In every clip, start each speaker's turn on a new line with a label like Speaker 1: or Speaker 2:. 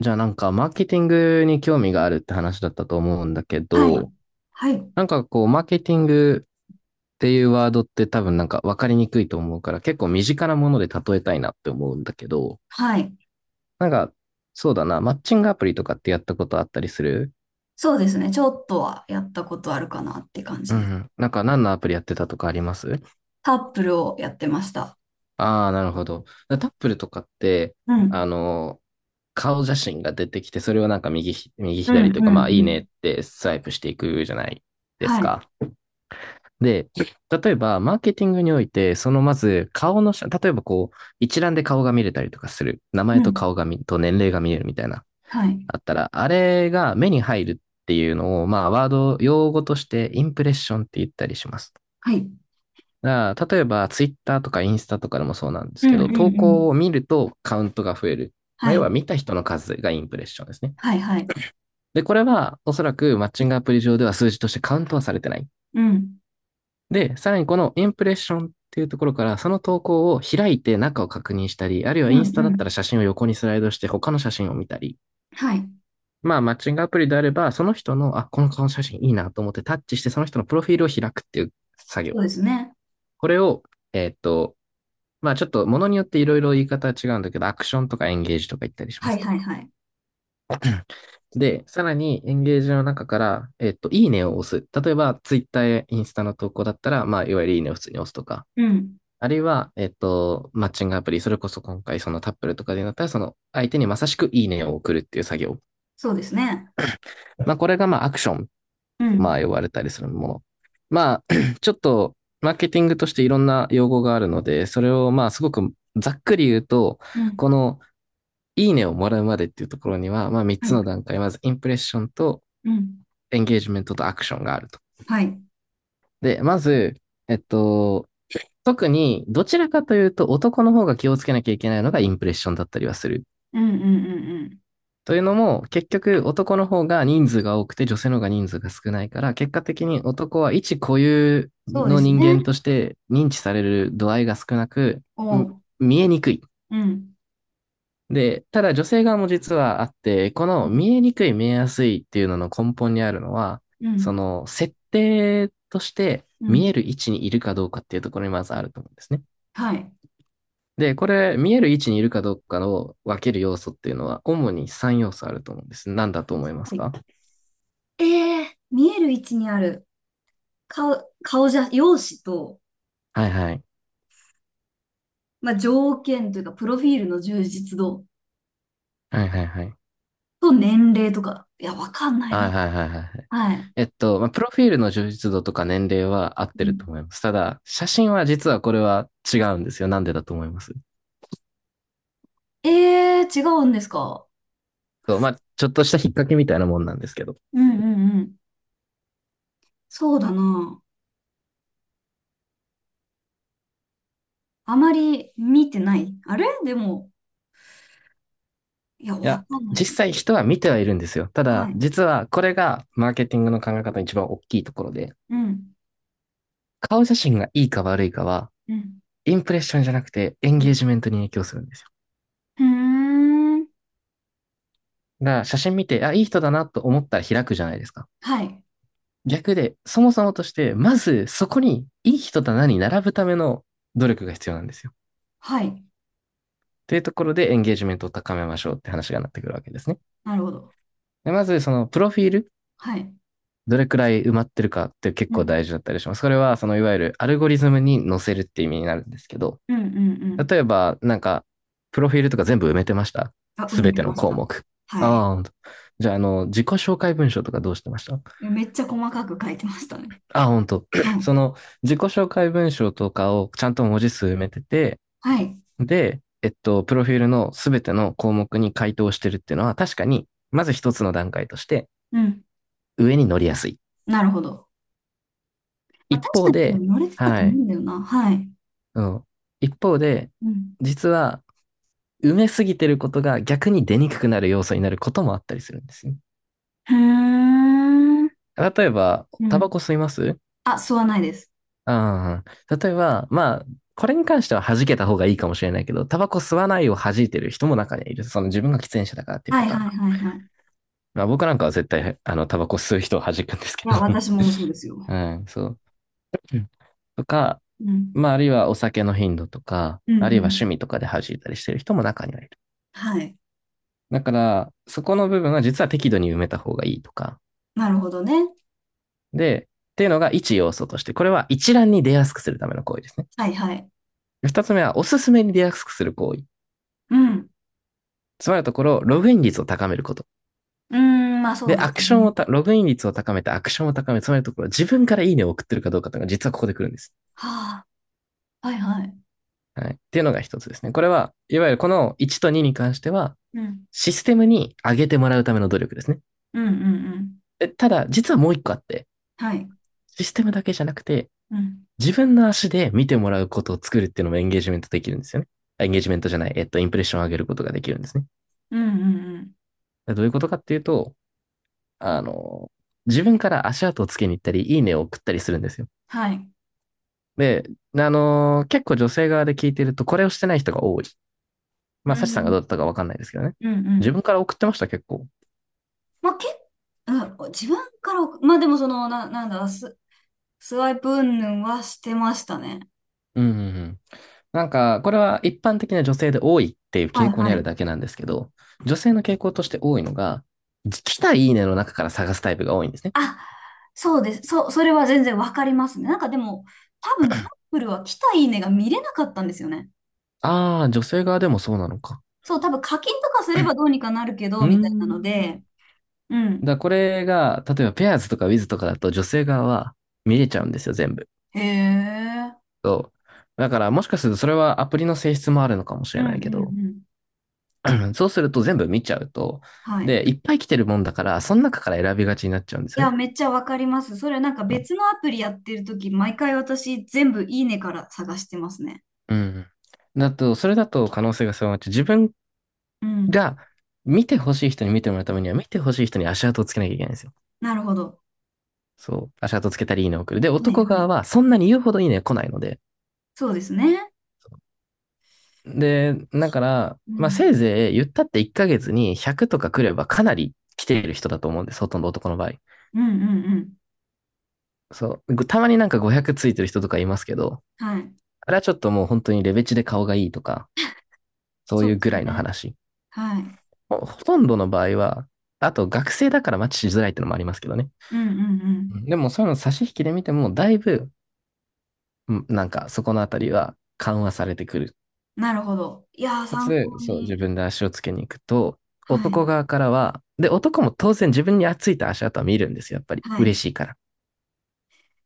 Speaker 1: じゃあマーケティングに興味があるって話だったと思うんだけ
Speaker 2: は
Speaker 1: ど、
Speaker 2: い。はい。
Speaker 1: マーケティングっていうワードって多分分かりにくいと思うから結構身近なもので例えたいなって思うんだけど、
Speaker 2: はい。
Speaker 1: なんかそうだな、マッチングアプリとかってやったことあったりする？
Speaker 2: そうですね。ちょっとはやったことあるかなって感
Speaker 1: う
Speaker 2: じです。
Speaker 1: ん。何のアプリやってたとかあります？
Speaker 2: タップルをやってました。
Speaker 1: ああー、なるほど。だタップルとかって、
Speaker 2: う
Speaker 1: あ
Speaker 2: ん。
Speaker 1: の、顔写真が出てきて、それを右
Speaker 2: うん、
Speaker 1: 左
Speaker 2: う
Speaker 1: というかまあい
Speaker 2: ん、
Speaker 1: い
Speaker 2: う
Speaker 1: ね
Speaker 2: ん。
Speaker 1: ってスワイプしていくじゃないです
Speaker 2: はい。
Speaker 1: か。で、例えば、マーケティングにおいて、そのまず、顔の写、例えばこう、一覧で顔が見れたりとかする。名
Speaker 2: う
Speaker 1: 前と
Speaker 2: ん。
Speaker 1: 顔が見、と年齢が見れるみたいな。
Speaker 2: はい。
Speaker 1: あったら、あれが目に入るっていうのを、まあ、ワード、用語として、インプレッションって言ったりします。
Speaker 2: はい。
Speaker 1: だから例えば、ツイッターとかインスタとかでもそうなんです
Speaker 2: うん、
Speaker 1: け
Speaker 2: う
Speaker 1: ど、
Speaker 2: ん、
Speaker 1: 投
Speaker 2: うん。
Speaker 1: 稿を見るとカウントが増える。ま
Speaker 2: は
Speaker 1: あ、要
Speaker 2: い。
Speaker 1: は見た人の数がインプレッションですね。
Speaker 2: はい、はい。
Speaker 1: で、これはおそらくマッチングアプリ上では数字としてカウントはされてない。
Speaker 2: うん。
Speaker 1: で、さらにこのインプレッションっていうところから、その投稿を開いて中を確認したり、あるいは
Speaker 2: うん、
Speaker 1: イ
Speaker 2: う
Speaker 1: ンスタだったら
Speaker 2: ん。
Speaker 1: 写真を横にスライドして他の写真を見たり、
Speaker 2: はい。
Speaker 1: まあマッチングアプリであれば、その人の、あ、この顔の写真いいなと思ってタッチしてその人のプロフィールを開くっていう作業。
Speaker 2: そうですね。
Speaker 1: これを、えーっと、まあちょっと物によっていろいろ言い方は違うんだけど、アクションとかエンゲージとか言ったりしま
Speaker 2: は
Speaker 1: す
Speaker 2: い、
Speaker 1: と。
Speaker 2: はい、はい。
Speaker 1: で、さらにエンゲージの中から、いいねを押す。例えば、ツイッターやインスタの投稿だったら、まあ、いわゆるいいねを普通に押すとか、
Speaker 2: うん。
Speaker 1: あるいは、マッチングアプリ、それこそ今回そのタップルとかでなったら、その相手にまさしくいいねを送るっていう作業。
Speaker 2: そうですね。
Speaker 1: まあ、これがまあアクション、
Speaker 2: う
Speaker 1: ま
Speaker 2: ん。
Speaker 1: あ、呼ばれたりするもの。まあ、ちょっと、マーケティングとしていろんな用語があるので、それをまあ、すごくざっくり言うと、
Speaker 2: うん。
Speaker 1: この、いいねをもらうまでっていうところには、まあ、3
Speaker 2: は
Speaker 1: つの
Speaker 2: い。
Speaker 1: 段階。まず、インプレッションと、
Speaker 2: うん。
Speaker 1: エンゲージメントとアクションがあると。
Speaker 2: はい。
Speaker 1: で、まず、えっと、特に、どちらかというと、男の方が気をつけなきゃいけないのがインプレッションだったりはする。
Speaker 2: うん、うん、うん、うん。
Speaker 1: というのも、結局男の方が人数が多くて女性の方が人数が少ないから、結果的に男は一固有
Speaker 2: そうで
Speaker 1: の
Speaker 2: すね。
Speaker 1: 人間として認知される度合いが少なく、
Speaker 2: おう。
Speaker 1: 見えにくい。
Speaker 2: うん。
Speaker 1: で、ただ女性側も実はあって、こ
Speaker 2: う
Speaker 1: の
Speaker 2: ん。
Speaker 1: 見えにくい、見えやすいっていうのの根本にあるのは、
Speaker 2: う
Speaker 1: そ
Speaker 2: ん。
Speaker 1: の設定として
Speaker 2: う
Speaker 1: 見え
Speaker 2: ん。
Speaker 1: る位置にいるかどうかっていうところにまずあると思うんですね。
Speaker 2: はい。
Speaker 1: で、これ、見える位置にいるかどうかを分ける要素っていうのは、主に3要素あると思うんです。何だと思います
Speaker 2: はい。
Speaker 1: か？
Speaker 2: ええ、見える位置にある。顔、顔じゃ、容姿と、
Speaker 1: はいはい。
Speaker 2: まあ、条件というか、プロフィールの充実度
Speaker 1: はいはいはい。
Speaker 2: と年齢とか。いや、わかんない
Speaker 1: は
Speaker 2: な。
Speaker 1: いはいはいはいはい。
Speaker 2: はい。
Speaker 1: まあ、プロフィールの充実度とか年齢は合っ
Speaker 2: う
Speaker 1: てると
Speaker 2: ん。
Speaker 1: 思います。ただ、写真は実はこれは違うんですよ。なんでだと思います？
Speaker 2: ええ、違うんですか？
Speaker 1: そう、まあ、ちょっとした引っ掛けみたいなもんなんですけど。
Speaker 2: うん、うん、うん。そうだな。あまり見てない。あれでも、いや、
Speaker 1: い
Speaker 2: わ
Speaker 1: や、
Speaker 2: かんないで
Speaker 1: 実
Speaker 2: す。
Speaker 1: 際人は見てはいるんですよ。ただ、
Speaker 2: はい。
Speaker 1: 実はこれがマーケティングの考え方の一番大きいところで、
Speaker 2: うん。
Speaker 1: 顔写真がいいか悪いかは、
Speaker 2: うん。
Speaker 1: インプレッションじゃなくてエン
Speaker 2: う
Speaker 1: ゲー
Speaker 2: ん。
Speaker 1: ジメントに影響するんですよ。
Speaker 2: うーん。
Speaker 1: だから写真見て、あ、いい人だなと思ったら開くじゃないですか。
Speaker 2: はい。
Speaker 1: 逆で、そもそもとして、まずそこにいい人だなに並ぶための努力が必要なんですよ。
Speaker 2: はい。
Speaker 1: というところでエンゲージメントを高めましょうって話がなってくるわけですね。
Speaker 2: なるほど。
Speaker 1: でまず、そのプロフィール、
Speaker 2: はい。
Speaker 1: どれくらい埋まってるかって結
Speaker 2: う
Speaker 1: 構大
Speaker 2: ん。
Speaker 1: 事だったりします。それは、そのいわゆるアルゴリズムに載せるって意味になるんですけど、
Speaker 2: うん、うん、うん。
Speaker 1: 例えば、プロフィールとか全部埋めてました？
Speaker 2: あ、埋
Speaker 1: す
Speaker 2: め
Speaker 1: べ
Speaker 2: て
Speaker 1: ての
Speaker 2: まし
Speaker 1: 項
Speaker 2: た。
Speaker 1: 目。
Speaker 2: は
Speaker 1: あ
Speaker 2: い。
Speaker 1: あ、ほんと。じゃあ、自己紹介文章とかどうしてました？
Speaker 2: めっちゃ細かく書いてましたね。
Speaker 1: ああ、ほんと。
Speaker 2: はい。
Speaker 1: その、自己紹介文章とかをちゃんと文字数埋めてて、
Speaker 2: はい。
Speaker 1: で、プロフィールのすべての項目に回答してるっていうのは、確かに、まず一つの段階として、
Speaker 2: うん。
Speaker 1: 上に乗りやすい。
Speaker 2: なるほど。ま
Speaker 1: 一
Speaker 2: あ、確か
Speaker 1: 方
Speaker 2: に多
Speaker 1: で、
Speaker 2: 分乗れてたと
Speaker 1: は
Speaker 2: 思う
Speaker 1: い、
Speaker 2: んだよな。はい。
Speaker 1: うん。一方で、
Speaker 2: うん。
Speaker 1: 実は、埋めすぎてることが逆に出にくくなる要素になることもあったりするんですね。
Speaker 2: へー。
Speaker 1: 例えば、
Speaker 2: う
Speaker 1: タバ
Speaker 2: ん。
Speaker 1: コ吸います？
Speaker 2: あ、吸わないです。
Speaker 1: ああ、例えば、まあ、これに関しては弾けた方がいいかもしれないけど、タバコ吸わないを弾いてる人も中にはいる。その自分が喫煙者だからっていう
Speaker 2: は
Speaker 1: パ
Speaker 2: い、
Speaker 1: ター
Speaker 2: は
Speaker 1: ン。
Speaker 2: い、はい、はい。
Speaker 1: まあ僕なんかは絶対、タバコ吸う人を弾くんですけ
Speaker 2: い
Speaker 1: ど。
Speaker 2: や、私もそうです
Speaker 1: う
Speaker 2: よ。
Speaker 1: ん、そう。うん、とか、
Speaker 2: うん。
Speaker 1: まあ、あるいはお酒の頻度とか、
Speaker 2: うん、
Speaker 1: ある
Speaker 2: う
Speaker 1: いは
Speaker 2: ん。
Speaker 1: 趣味とかで弾いたりしてる人も中にはいる。
Speaker 2: はい。
Speaker 1: だから、そこの部分は実は適度に埋めた方がいいとか。
Speaker 2: なるほどね。
Speaker 1: で、っていうのが一要素として、これは一覧に出やすくするための行為ですね。
Speaker 2: はい、はい。
Speaker 1: 二つ目は、おすすめに出やすくする行為。
Speaker 2: うん。
Speaker 1: つまりのところ、ログイン率を高めること。
Speaker 2: うーん、まあそ
Speaker 1: で、
Speaker 2: うで
Speaker 1: ア
Speaker 2: す
Speaker 1: クションを
Speaker 2: ね。
Speaker 1: た、ログイン率を高めて、アクションを高める。つまりのところ、自分からいいねを送ってるかどうかというのが実はここで来るんです。
Speaker 2: はあ。はい、はい。
Speaker 1: はい。っていうのが一つですね。これは、いわゆるこの1と2に関しては、
Speaker 2: うん。
Speaker 1: システムに上げてもらうための努力ですね。
Speaker 2: うん、うん、うん。
Speaker 1: え、ただ、実はもう一個あって、
Speaker 2: はい。
Speaker 1: システムだけじゃなくて、
Speaker 2: うん。
Speaker 1: 自分の足で見てもらうことを作るっていうのもエンゲージメントできるんですよね。エンゲージメントじゃない、えっと、インプレッションを上げることができるんですね。
Speaker 2: うん、うん、うん。
Speaker 1: どういうことかっていうと、あの、自分から足跡をつけに行ったり、いいねを送ったりするんですよ。
Speaker 2: はい。
Speaker 1: で、結構女性側で聞いてると、これをしてない人が多い。まあ、
Speaker 2: う
Speaker 1: サチさんがど
Speaker 2: ん。
Speaker 1: うだったかわかんないですけどね。
Speaker 2: うん、う
Speaker 1: 自
Speaker 2: ん。
Speaker 1: 分から送ってました、結構？
Speaker 2: まあ、うん、自分からまあでもその、なんだ、スワイプ云々はしてましたね。
Speaker 1: うん、うん、うん。これは一般的な女性で多いっていう
Speaker 2: は
Speaker 1: 傾
Speaker 2: い、
Speaker 1: 向に
Speaker 2: は
Speaker 1: ある
Speaker 2: い。
Speaker 1: だけなんですけど、女性の傾向として多いのが、来たいいねの中から探すタイプが多いんですね。
Speaker 2: あ、そうです。それは全然わかりますね。なんかでも、多分タップルは来たいいねが見れなかったんですよね。
Speaker 1: ああ、女性側でもそうなのか。
Speaker 2: そう、多分課金とかすればどうにかなるけ
Speaker 1: う
Speaker 2: ど、
Speaker 1: ー
Speaker 2: みたいなの
Speaker 1: ん。
Speaker 2: で、う
Speaker 1: だ
Speaker 2: ん。
Speaker 1: からこれが、例えばペアーズとかウィズとかだと女性側は見れちゃうんですよ、全部。
Speaker 2: へえ。
Speaker 1: そう。だからもしかするとそれはアプリの性質もあるのかもし
Speaker 2: う
Speaker 1: れ
Speaker 2: ん、
Speaker 1: な
Speaker 2: う
Speaker 1: い
Speaker 2: ん、
Speaker 1: け
Speaker 2: う
Speaker 1: ど、
Speaker 2: ん。
Speaker 1: そうすると全部見ちゃうと、
Speaker 2: はい。
Speaker 1: で、いっぱい来てるもんだから、その中から選びがちになっちゃうんで
Speaker 2: い
Speaker 1: すよ
Speaker 2: や、
Speaker 1: ね。
Speaker 2: めっちゃわかります。それなんか別のアプリやってるとき、毎回私全部いいねから探してますね。
Speaker 1: うん。だと、それだと可能性が狭まっちゃう。自分
Speaker 2: うん。
Speaker 1: が見てほしい人に見てもらうためには、見てほしい人に足跡をつけなきゃいけないんですよ。
Speaker 2: なるほど。
Speaker 1: そう。足跡つけたりいいねを送る。で、
Speaker 2: はい、
Speaker 1: 男
Speaker 2: は
Speaker 1: 側
Speaker 2: い。
Speaker 1: はそんなに言うほどいいね来ないので。
Speaker 2: そうですね。
Speaker 1: で、だから、
Speaker 2: う
Speaker 1: まあ、せい
Speaker 2: ん。
Speaker 1: ぜい言ったって1ヶ月に100とか来ればかなり来ている人だと思うんです。ほとんど男の場合。
Speaker 2: うん、うん、うん。
Speaker 1: そう。たまになんか500ついてる人とかいますけど、
Speaker 2: はい。
Speaker 1: あれはちょっともう本当にレベチで顔がいいとか、そう
Speaker 2: そう
Speaker 1: いう
Speaker 2: で
Speaker 1: ぐ
Speaker 2: す
Speaker 1: らいの
Speaker 2: ね。
Speaker 1: 話。
Speaker 2: はい。
Speaker 1: ほとんどの場合は、あと学生だからマッチしづらいってのもありますけどね。
Speaker 2: うん、うん、う
Speaker 1: う
Speaker 2: ん。
Speaker 1: ん、でもそういうの差し引きで見ても、だいぶ、うん、なんかそこのあたりは緩和されてくる。
Speaker 2: なるほど。いやー、
Speaker 1: か
Speaker 2: 参
Speaker 1: つ、
Speaker 2: 考
Speaker 1: そう、自
Speaker 2: に。
Speaker 1: 分で足をつけに行くと、
Speaker 2: はい。
Speaker 1: 男側からは、で、男も当然自分についた足跡は見るんですよ、やっぱり。
Speaker 2: は
Speaker 1: 嬉
Speaker 2: い。
Speaker 1: しいから。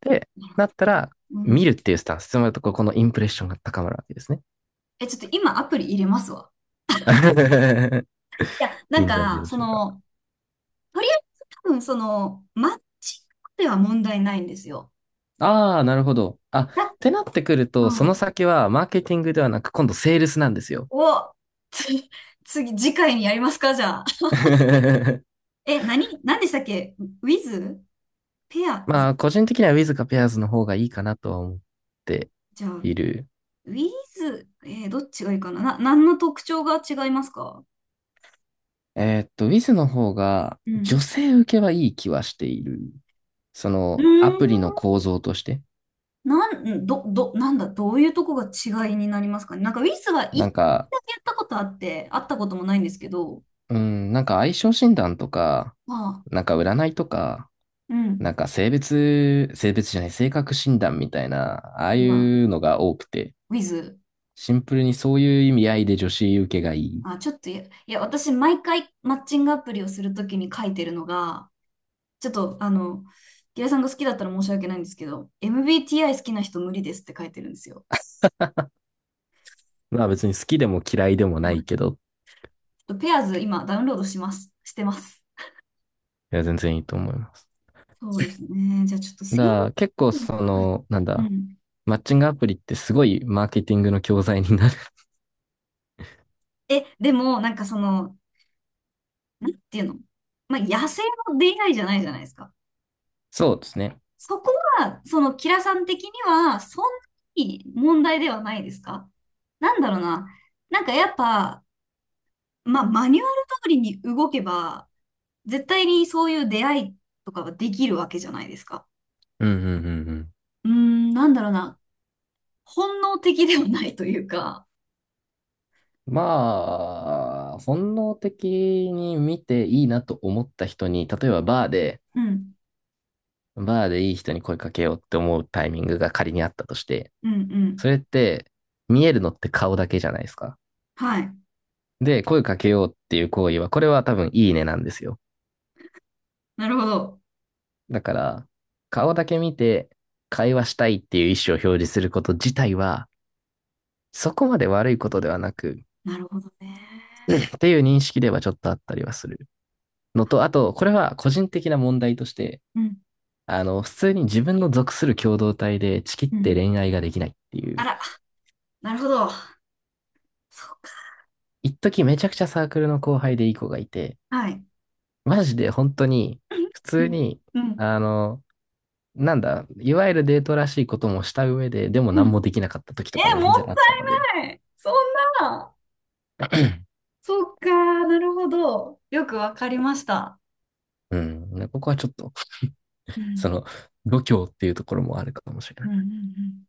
Speaker 1: で、
Speaker 2: なるほ
Speaker 1: なったら、
Speaker 2: ど。う
Speaker 1: 見
Speaker 2: ん。
Speaker 1: るっていうスタンス、つまりとここのインプレッションが高まるわけですね。
Speaker 2: え、ちょっと今アプリ入れますわ。いや、な
Speaker 1: いい
Speaker 2: ん
Speaker 1: んじゃない
Speaker 2: か、
Speaker 1: で
Speaker 2: そ
Speaker 1: しょうか。
Speaker 2: の、とりあえず多分その、マッチングでは問題ないんですよ。
Speaker 1: ああ、なるほど。あ、っ
Speaker 2: だ、
Speaker 1: てなってくると、そ
Speaker 2: う
Speaker 1: の
Speaker 2: ん。
Speaker 1: 先はマーケティングではなく、今度セールスなんですよ。
Speaker 2: お、つ、次回にやりますか、じゃあ？え、何でしたっけ ?with? ペア
Speaker 1: まあ、個人的には Wiz か Pairs の方がいいかなとは思って
Speaker 2: じゃあ。
Speaker 1: いる。
Speaker 2: ウィズ、どっちがいいかな。何の特徴が違いますか？
Speaker 1: Wiz の方が
Speaker 2: う
Speaker 1: 女
Speaker 2: ん。
Speaker 1: 性受けはいい気はしている。そ
Speaker 2: う
Speaker 1: の
Speaker 2: ー
Speaker 1: アプリの
Speaker 2: ん。
Speaker 1: 構造として。
Speaker 2: なん、ど、ど、なんだ、どういうとこが違いになりますかね。なんかウィズは
Speaker 1: な
Speaker 2: 一
Speaker 1: んか、
Speaker 2: 回だけやったことあって、会ったこともないんですけど、
Speaker 1: うん、なんか相性診断とか、
Speaker 2: まあ、
Speaker 1: なんか占いとか、
Speaker 2: う
Speaker 1: なん
Speaker 2: ん。
Speaker 1: か性別、性別じゃない、性格診断みたいな、ああい
Speaker 2: まあ、
Speaker 1: うのが多くて、
Speaker 2: ウィズ。
Speaker 1: シンプルにそういう意味合いで女子受けがいい。
Speaker 2: あ、ちょっとや、いや、私、毎回マッチングアプリをするときに書いてるのが、ちょっと、ギラさんが好きだったら申し訳ないんですけど、MBTI 好きな人無理ですって書いてるんですよ。
Speaker 1: まあ別に好きでも嫌いでもない
Speaker 2: ち
Speaker 1: けど、
Speaker 2: ょっとペアーズ今ダウンロードします。してます。
Speaker 1: いや全然いいと思います。
Speaker 2: そうですね。じゃあちょっと
Speaker 1: だか
Speaker 2: 制
Speaker 1: ら結構
Speaker 2: 限
Speaker 1: そ
Speaker 2: が、はい。
Speaker 1: の、なん
Speaker 2: う
Speaker 1: だ、
Speaker 2: ん。
Speaker 1: マッチングアプリってすごいマーケティングの教材になる。
Speaker 2: え、でも、なんかその、なんていうの、まあ、野生の出会いじゃないじゃないですか。
Speaker 1: そうですね。
Speaker 2: そこは、キラさん的には、そんなに問題ではないですか？なんだろうな。なんかやっぱ、まあ、マニュアル通りに動けば、絶対にそういう出会いとかはできるわけじゃないですか。
Speaker 1: うんうんうん
Speaker 2: うーん、なんだろうな。本能的ではないというか。
Speaker 1: うん。まあ、本能的に見ていいなと思った人に、例えばバーで、
Speaker 2: うん、
Speaker 1: バーでいい人に声かけようって思うタイミングが仮にあったとして、
Speaker 2: うん、う
Speaker 1: そ
Speaker 2: ん。
Speaker 1: れって見えるのって顔だけじゃないですか。
Speaker 2: はい。
Speaker 1: で、声かけようっていう行為は、これは多分いいねなんですよ。
Speaker 2: なるほど。
Speaker 1: だから、顔だけ見て会話したいっていう意思を表示すること自体は、そこまで悪いことではなく、
Speaker 2: なるほどね。
Speaker 1: っていう認識ではちょっとあったりはするのと、あと、これは個人的な問題として、
Speaker 2: うん、
Speaker 1: 普通に自分の属する共同体でちきっ
Speaker 2: う
Speaker 1: て
Speaker 2: ん。
Speaker 1: 恋愛ができないってい
Speaker 2: あ
Speaker 1: う、
Speaker 2: ら、なるほど。そうか。
Speaker 1: 一時めちゃくちゃサークルの後輩でいい子がいて、
Speaker 2: はい。
Speaker 1: マジで本当に、普
Speaker 2: う
Speaker 1: 通
Speaker 2: ん、
Speaker 1: に、
Speaker 2: うん、
Speaker 1: あの、なんだ、いわゆるデートらしいこともした上で、でも
Speaker 2: う
Speaker 1: 何も
Speaker 2: ん。
Speaker 1: できなかった時と
Speaker 2: え、
Speaker 1: かも全
Speaker 2: も
Speaker 1: 然
Speaker 2: っ
Speaker 1: あったので、
Speaker 2: たいない。そんな。そっか、なるほど。よくわかりました。
Speaker 1: うん、ここはちょっと、
Speaker 2: う
Speaker 1: そ
Speaker 2: ん、
Speaker 1: の、度胸っていうところもあるかもしれ
Speaker 2: う
Speaker 1: な
Speaker 2: ん、
Speaker 1: い。
Speaker 2: うん、うん。